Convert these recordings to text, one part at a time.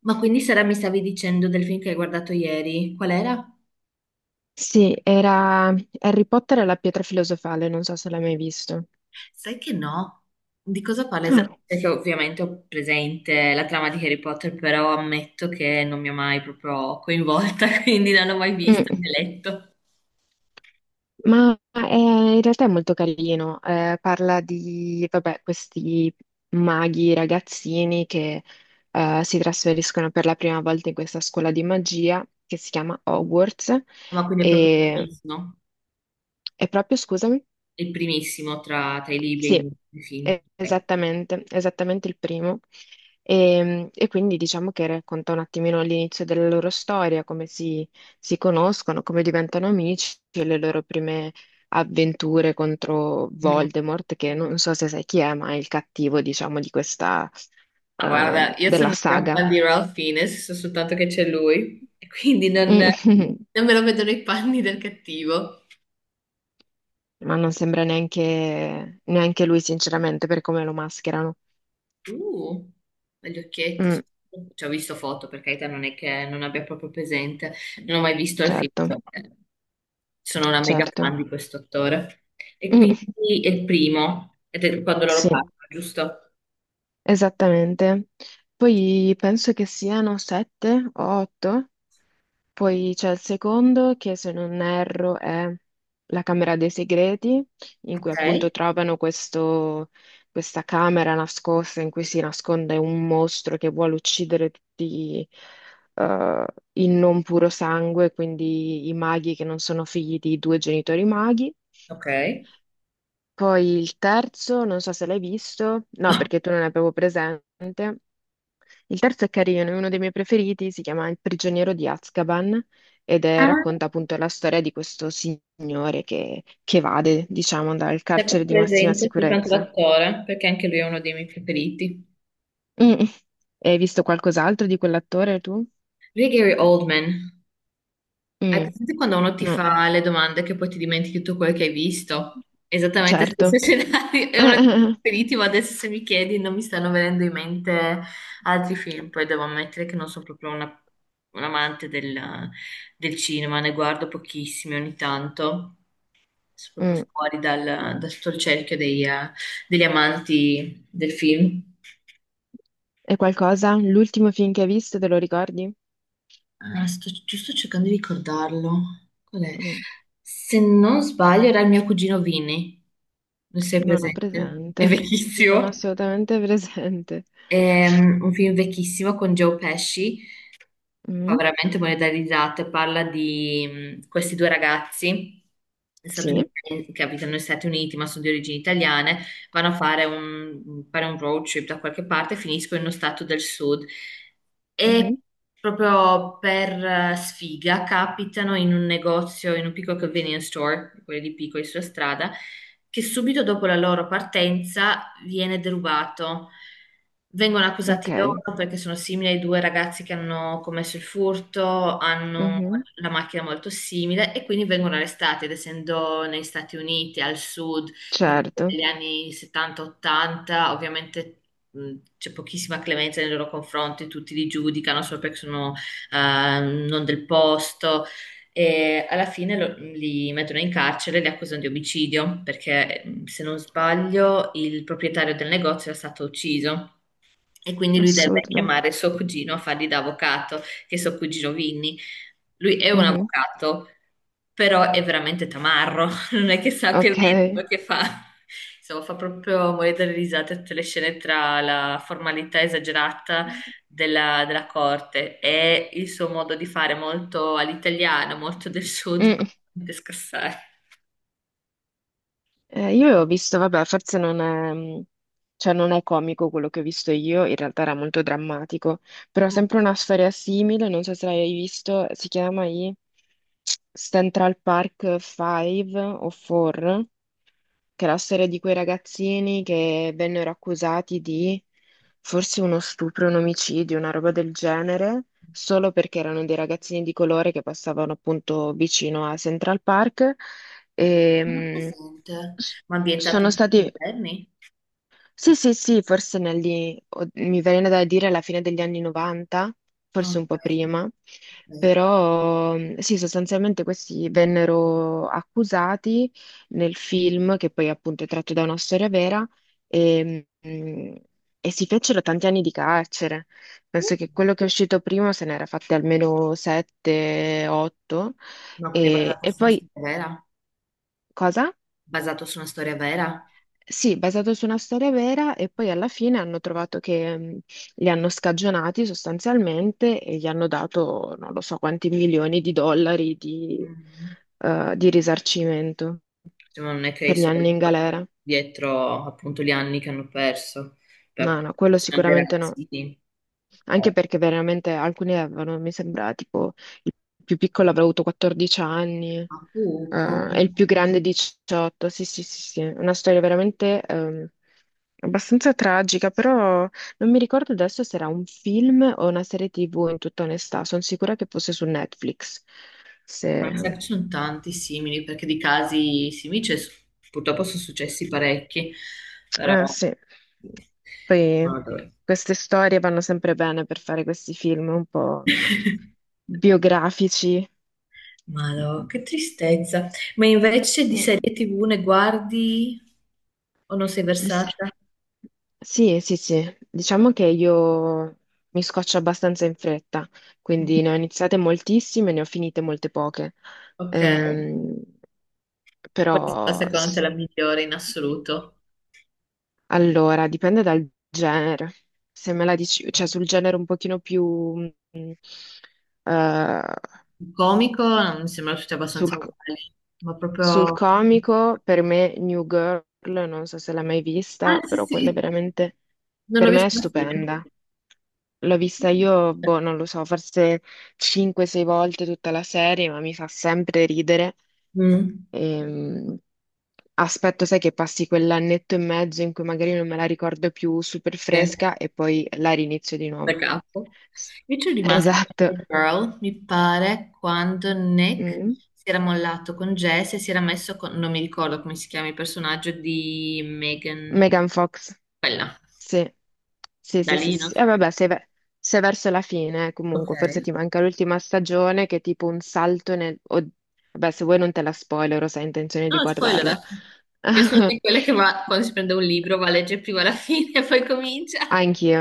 Ma quindi Sara mi stavi dicendo del film che hai guardato ieri? Qual era? Sì, era Harry Potter e la pietra filosofale, non so se l'hai mai visto. Sai che no? Di cosa parla Ah, esattamente? Perché ovviamente ho presente la trama di Harry Potter, però ammetto che non mi ha mai proprio coinvolta, quindi non l'ho mai visto mm. né letto. Ma è- In realtà è molto carino, parla di, vabbè, questi maghi ragazzini che si trasferiscono per la prima volta in questa scuola di magia che si chiama Hogwarts Ma quindi è proprio e, e proprio, scusami? il primissimo tra i libri Sì, e i film. Ok. esattamente, esattamente il primo. E quindi diciamo che racconta un attimino l'inizio della loro storia, come si conoscono, come diventano amici e le loro prime avventure contro Mm. Voldemort, che non so se sai chi è, ma è il cattivo, diciamo, Ma guarda, io sono della un gran saga. fan di Ralph Fiennes, so soltanto che c'è lui, e quindi non, non me lo vedo nei panni del cattivo. Ma non sembra neanche lui, sinceramente, per come lo mascherano. Uh, ma gli occhietti. Mm, Ci ho visto foto, per carità, non è che non abbia proprio presente. Non ho mai visto il film. certo, eh, Sono una mega certo. fan di questo attore. E Mm, quindi è il primo, ed è quando loro sì. parlano, giusto? Esattamente. Poi penso che siano sette o otto. Poi c'è il secondo che, se non erro, è la Camera dei Segreti, in cui Ok. appunto trovano questa camera nascosta in cui si nasconde un mostro che vuole uccidere tutti eh, il non puro sangue, quindi i maghi che non sono figli di due genitori maghi. Ok. Poi il terzo, non so se l'hai visto, no, No. perché tu non ne avevo presente. Il terzo è carino, è uno dei miei preferiti, si chiama Il prigioniero di Azkaban ed Ah. racconta appunto la storia di questo signore che evade, diciamo, dal Sempre carcere di massima presente soltanto sicurezza. l'attore, perché anche lui è uno dei miei preferiti. Mm. Hai visto qualcos'altro di quell'attore tu? Lui è Gary Oldman. Hai Mm. presente quando uno ti No, fa le domande che poi ti dimentichi tutto quello che hai visto? Esattamente lo stesso certo. scenario, è uno dei miei preferiti, ma adesso se mi chiedi non mi stanno venendo in mente altri film, poi devo ammettere che non sono proprio un amante del cinema, ne guardo pochissimi ogni tanto, sono proprio Mm. fuori da tutto il cerchio degli amanti del film. E qualcosa? L'ultimo film che hai visto, te lo ricordi? Ah, ci sto cercando di ricordarlo. Qual è? Mm. Se non sbaglio, era il mio cugino Vini. Non sei Non ho presente? È presente. Non vecchissimo. ho assolutamente presente. Un film vecchissimo con Joe Pesci, fa Mm. veramente morire da risate, parla di questi due ragazzi Sì. statunitensi che abitano negli Stati Uniti ma sono di origini italiane, vanno a fare fare un road trip da qualche parte e finiscono in uno stato del sud e Mhm. proprio per sfiga capitano in un negozio, in un piccolo convenience store, quelli di piccoli sulla strada che subito dopo la loro partenza viene derubato. Vengono accusati Ok. loro perché sono simili ai due ragazzi che hanno commesso il furto, hanno Mhm, la macchina molto simile e quindi vengono arrestati, ed essendo negli Stati Uniti, al sud, certo, negli anni 70-80, ovviamente mh, c'è pochissima clemenza nei loro confronti, tutti li giudicano solo perché sono eh, non del posto, e alla fine li mettono in carcere e li accusano di omicidio perché, se non sbaglio, il proprietario del negozio è stato ucciso. E quindi lui deve assurdo. chiamare suo cugino a fargli da avvocato, che è suo cugino Vinny. Lui è un Mhm, avvocato, però è veramente tamarro, non è che sa che ok. vede quello che fa. Insomma, fa proprio morire dalle risate tutte le scene tra la formalità esagerata della corte e il suo modo di fare molto all'italiano, molto del sud, fa Mm, veramente scassare. Io ho visto, vabbè, forse non è, cioè non è comico quello che ho visto io, in realtà era molto drammatico, però Mm. sempre una storia simile, non so se l'hai visto, si chiama i Central Park 5 o 4, che è la storia di quei ragazzini che vennero accusati di forse uno stupro, un omicidio, una roba del genere, solo perché erano dei ragazzini di colore che passavano appunto vicino a Central Park e Non ho presente, mh, s- ma ambientato sono in tempi stati moderni? sì, sì, sì, forse mi viene da dire alla fine degli anni 90, forse un po' Ok. prima, però sì, sostanzialmente questi vennero accusati nel film, che poi appunto è tratto da una storia vera, e, mm, e si fecero tanti anni di carcere. Penso Ok. che quello che è uscito prima se n'era fatti almeno 7, 8, Ma quindi è e, basato e su una poi storia vera? cosa? Basato su una storia vera? Sì, basato su una storia vera e poi alla fine hanno trovato che li hanno scagionati sostanzialmente e gli hanno dato non lo so quanti milioni di dollari di, Mm. eh, di risarcimento Cioè, ma non è che i per gli anni soldi in galera. dietro appunto gli anni che hanno perso. Beh, No, no, appunto, quello siamo dei sicuramente no. ragazzini. Ma Anche perché veramente alcuni avevano, mi sembra, tipo il più piccolo avrà avuto 14 anni, pupo. e il più grande 18. Sì, sì, sì, sì. Una storia veramente abbastanza tragica, però non mi ricordo adesso se era un film o una serie TV, in tutta onestà. Sono sicura che fosse su Netflix. Ma mi sa Se... che ci sono tanti simili, perché di casi simili purtroppo sono successi parecchi, però... Ah, sì. Poi Madò. queste storie vanno sempre bene per fare questi film un po' biografici. Madò, che tristezza. Ma invece di Mm. serie TV ne guardi o non sei Dis- versata? Sì, sì, sì, diciamo che io mi scoccio abbastanza in fretta, quindi ne ho iniziate moltissime, ne ho finite molte poche. Ok, Ehm, qual è stata però, secondo te è la migliore in assoluto? allora, dipende dal genere. Se me la dici, cioè sul genere un pochino più, mh, eh, Il comico non mi sembra tutti sul, abbastanza uguali, ma Sul proprio... comico, per me, New Girl, non so se l'hai mai Ah, vista, sì, però quella è sì, veramente, non l'ho per me visto è alla fine. stupenda. L'ho vista io, boh, non lo so, forse 5-6 volte tutta la serie, ma mi fa sempre ridere. Mm, Ehm, aspetto, sai, che passi quell'annetto e mezzo in cui magari non me la ricordo più super sì, fresca e poi la rinizio di da nuovo. capo. S- Io ci sono rimasta con Esatto. The Girl, mi pare, quando Nick Mm. si era mollato con Jess e si era messo con... non mi ricordo come si chiama il personaggio di Megan, Megan Fox. quella. Sì, sì, Da sì, sì, lì sì. non Sì. so E che... vabbè, sei verso la fine, Ok. comunque, forse ti manca l'ultima stagione che è tipo un salto nel... Vabbè, se vuoi non te la spoilero, se hai intenzione di No, guardarla. spoilerate. Io sono di quelle che quando si prende un libro va a leggere prima la fine e poi comincia. Anch'io,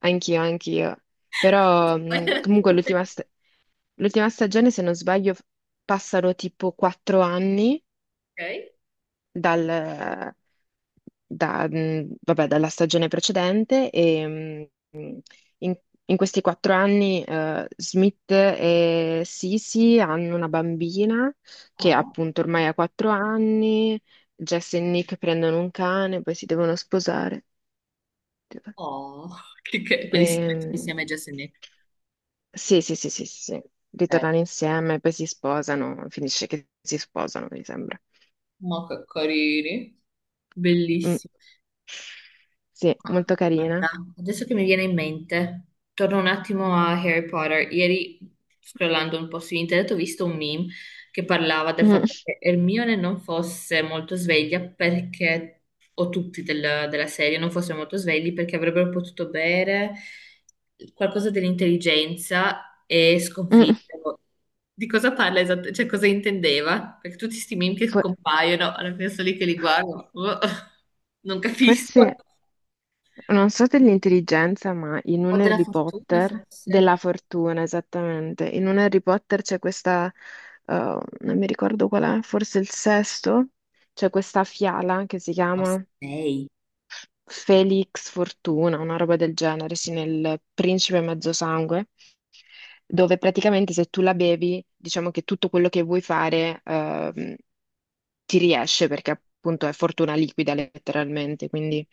anch'io, anch'io. Però Spoilerate comunque pure. l'ultima stagione, se non sbaglio, passano tipo 4 anni Ok? dal, vabbè, dalla stagione precedente In, in questi 4 anni, Smith e Sisi hanno una bambina che Oh. appunto ormai ha 4 anni, Jess e Nick prendono un cane, poi si devono sposare. Oh, quindi si mettono Ehm, insieme Jess e Nick. sì, sì, sì, sì, sì, sì. Eh, Ritornano insieme, poi si sposano, finisce che si sposano, mi sembra. ma che carini. Mm. Bellissimo. Sì, molto carina. Guarda, adesso che mi viene in mente, torno un attimo a Harry Potter. Ieri, scrollando un po' su internet, ho visto un meme che parlava del Mm, fatto che Hermione non fosse molto sveglia perché, o tutti della serie non fossero molto svegli perché avrebbero potuto bere qualcosa dell'intelligenza e mm. sconfiggerlo. Di cosa parla esattamente? Cioè, cosa intendeva? Perché tutti questi meme che For- compaiono, alla fine sono lì che li guardo, boh, non capisco. Forse non so dell'intelligenza, ma in Ho un della Harry fortuna Potter, forse. della fortuna esattamente, in un Harry Potter c'è questa, non mi ricordo qual è, forse il sesto, c'è questa fiala che si Ma chiama sei. Felix Fortuna, una roba del genere, sì, nel Principe Mezzosangue, dove praticamente se tu la bevi, diciamo che tutto quello che vuoi fare, ti riesce perché appunto è fortuna liquida letteralmente, quindi...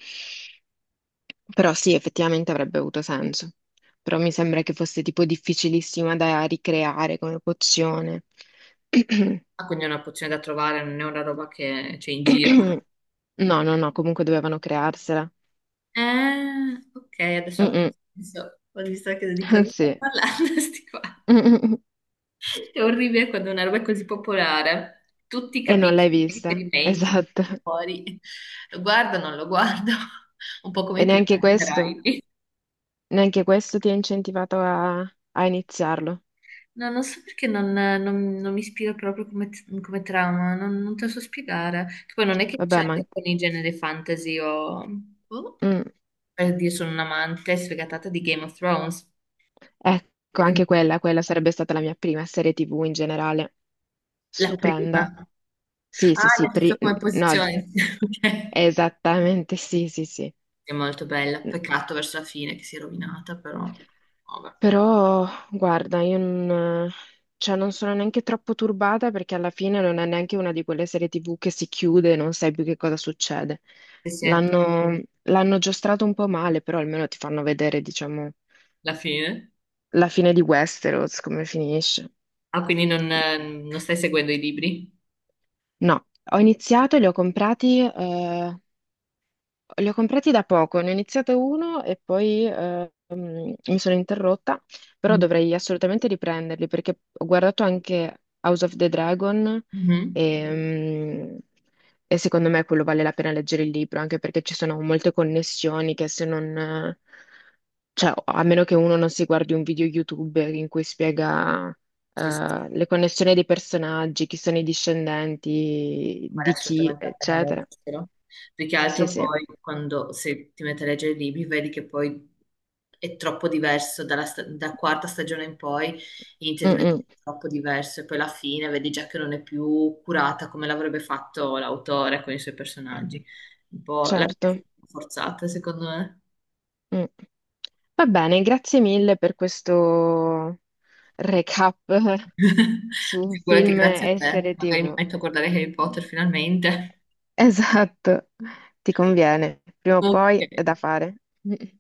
Però sì, effettivamente avrebbe avuto senso. Però mi sembra che fosse tipo difficilissima da ricreare come pozione. Ah, quindi è una pozione da trovare, non è una roba che c'è in giro. No, no, no, comunque dovevano crearsela. Ok, adesso ha più Mm-mm. senso. Ho visto che di cosa sto Sì. parlando, sti qua. Mm-mm. È orribile quando una roba è così popolare. Tutti E non l'hai capiscono i vista. riferimenti Esatto. fuori. Lo guardo, non lo guardo. Un po' come E i pirati dei Caraibi. neanche questo ti ha incentivato a iniziarlo. No, non so perché non mi ispira proprio come, come trama, non te lo so spiegare. Che poi non è che c'è Vabbè, ma... con i generi fantasy o... boh. mm. Per dire, sono un'amante sfegatata di Game of Thrones. Ecco, Non è che anche quella, quella sarebbe stata la mia prima serie TV in generale. la Stupenda. prima. Sì, sì, Ah, sì, nel senso come no, posizione. Ok. esattamente, sì, sì, sì. È molto bella, peccato verso la fine che si è rovinata, però... Vabbè. Però, guarda, io non, cioè, non sono neanche troppo turbata perché alla fine non è neanche una di quelle serie TV che si chiude e non sai più che cosa succede. Sì, sì, L'hanno giostrato un po' male, però almeno ti fanno vedere, diciamo, la fine. la fine di Westeros, come finisce. Ah, quindi non, non stai seguendo i libri? No, ho iniziato, e li ho comprati, li ho comprati da poco, ne ho iniziato uno e poi mi sono interrotta, però Mm. dovrei assolutamente riprenderli perché ho guardato anche House of the Dragon Mhm. e, mm, e secondo me quello vale la pena leggere il libro, anche perché ci sono molte connessioni che se non, cioè a meno che uno non si guardi un video YouTube in cui spiega Sì, sì. Le connessioni dei personaggi, chi sono i discendenti, Vale di chi, assolutamente la pena eccetera. leggerlo. Più che altro Sì, sì. poi quando se ti metti a leggere i libri vedi che poi è troppo diverso dalla da quarta stagione in poi inizia a Mm, diventare mm. troppo diverso e poi alla fine vedi già che non è più curata come l'avrebbe fatto l'autore con i suoi personaggi. Un po' la Certo. forzata, secondo me. Mm. Va bene, grazie mille per questo recap su Figurati, film grazie a e te. serie Magari mi TV. metto a guardare Harry Potter finalmente. Esatto, ti conviene, prima o poi è Ok. da fare.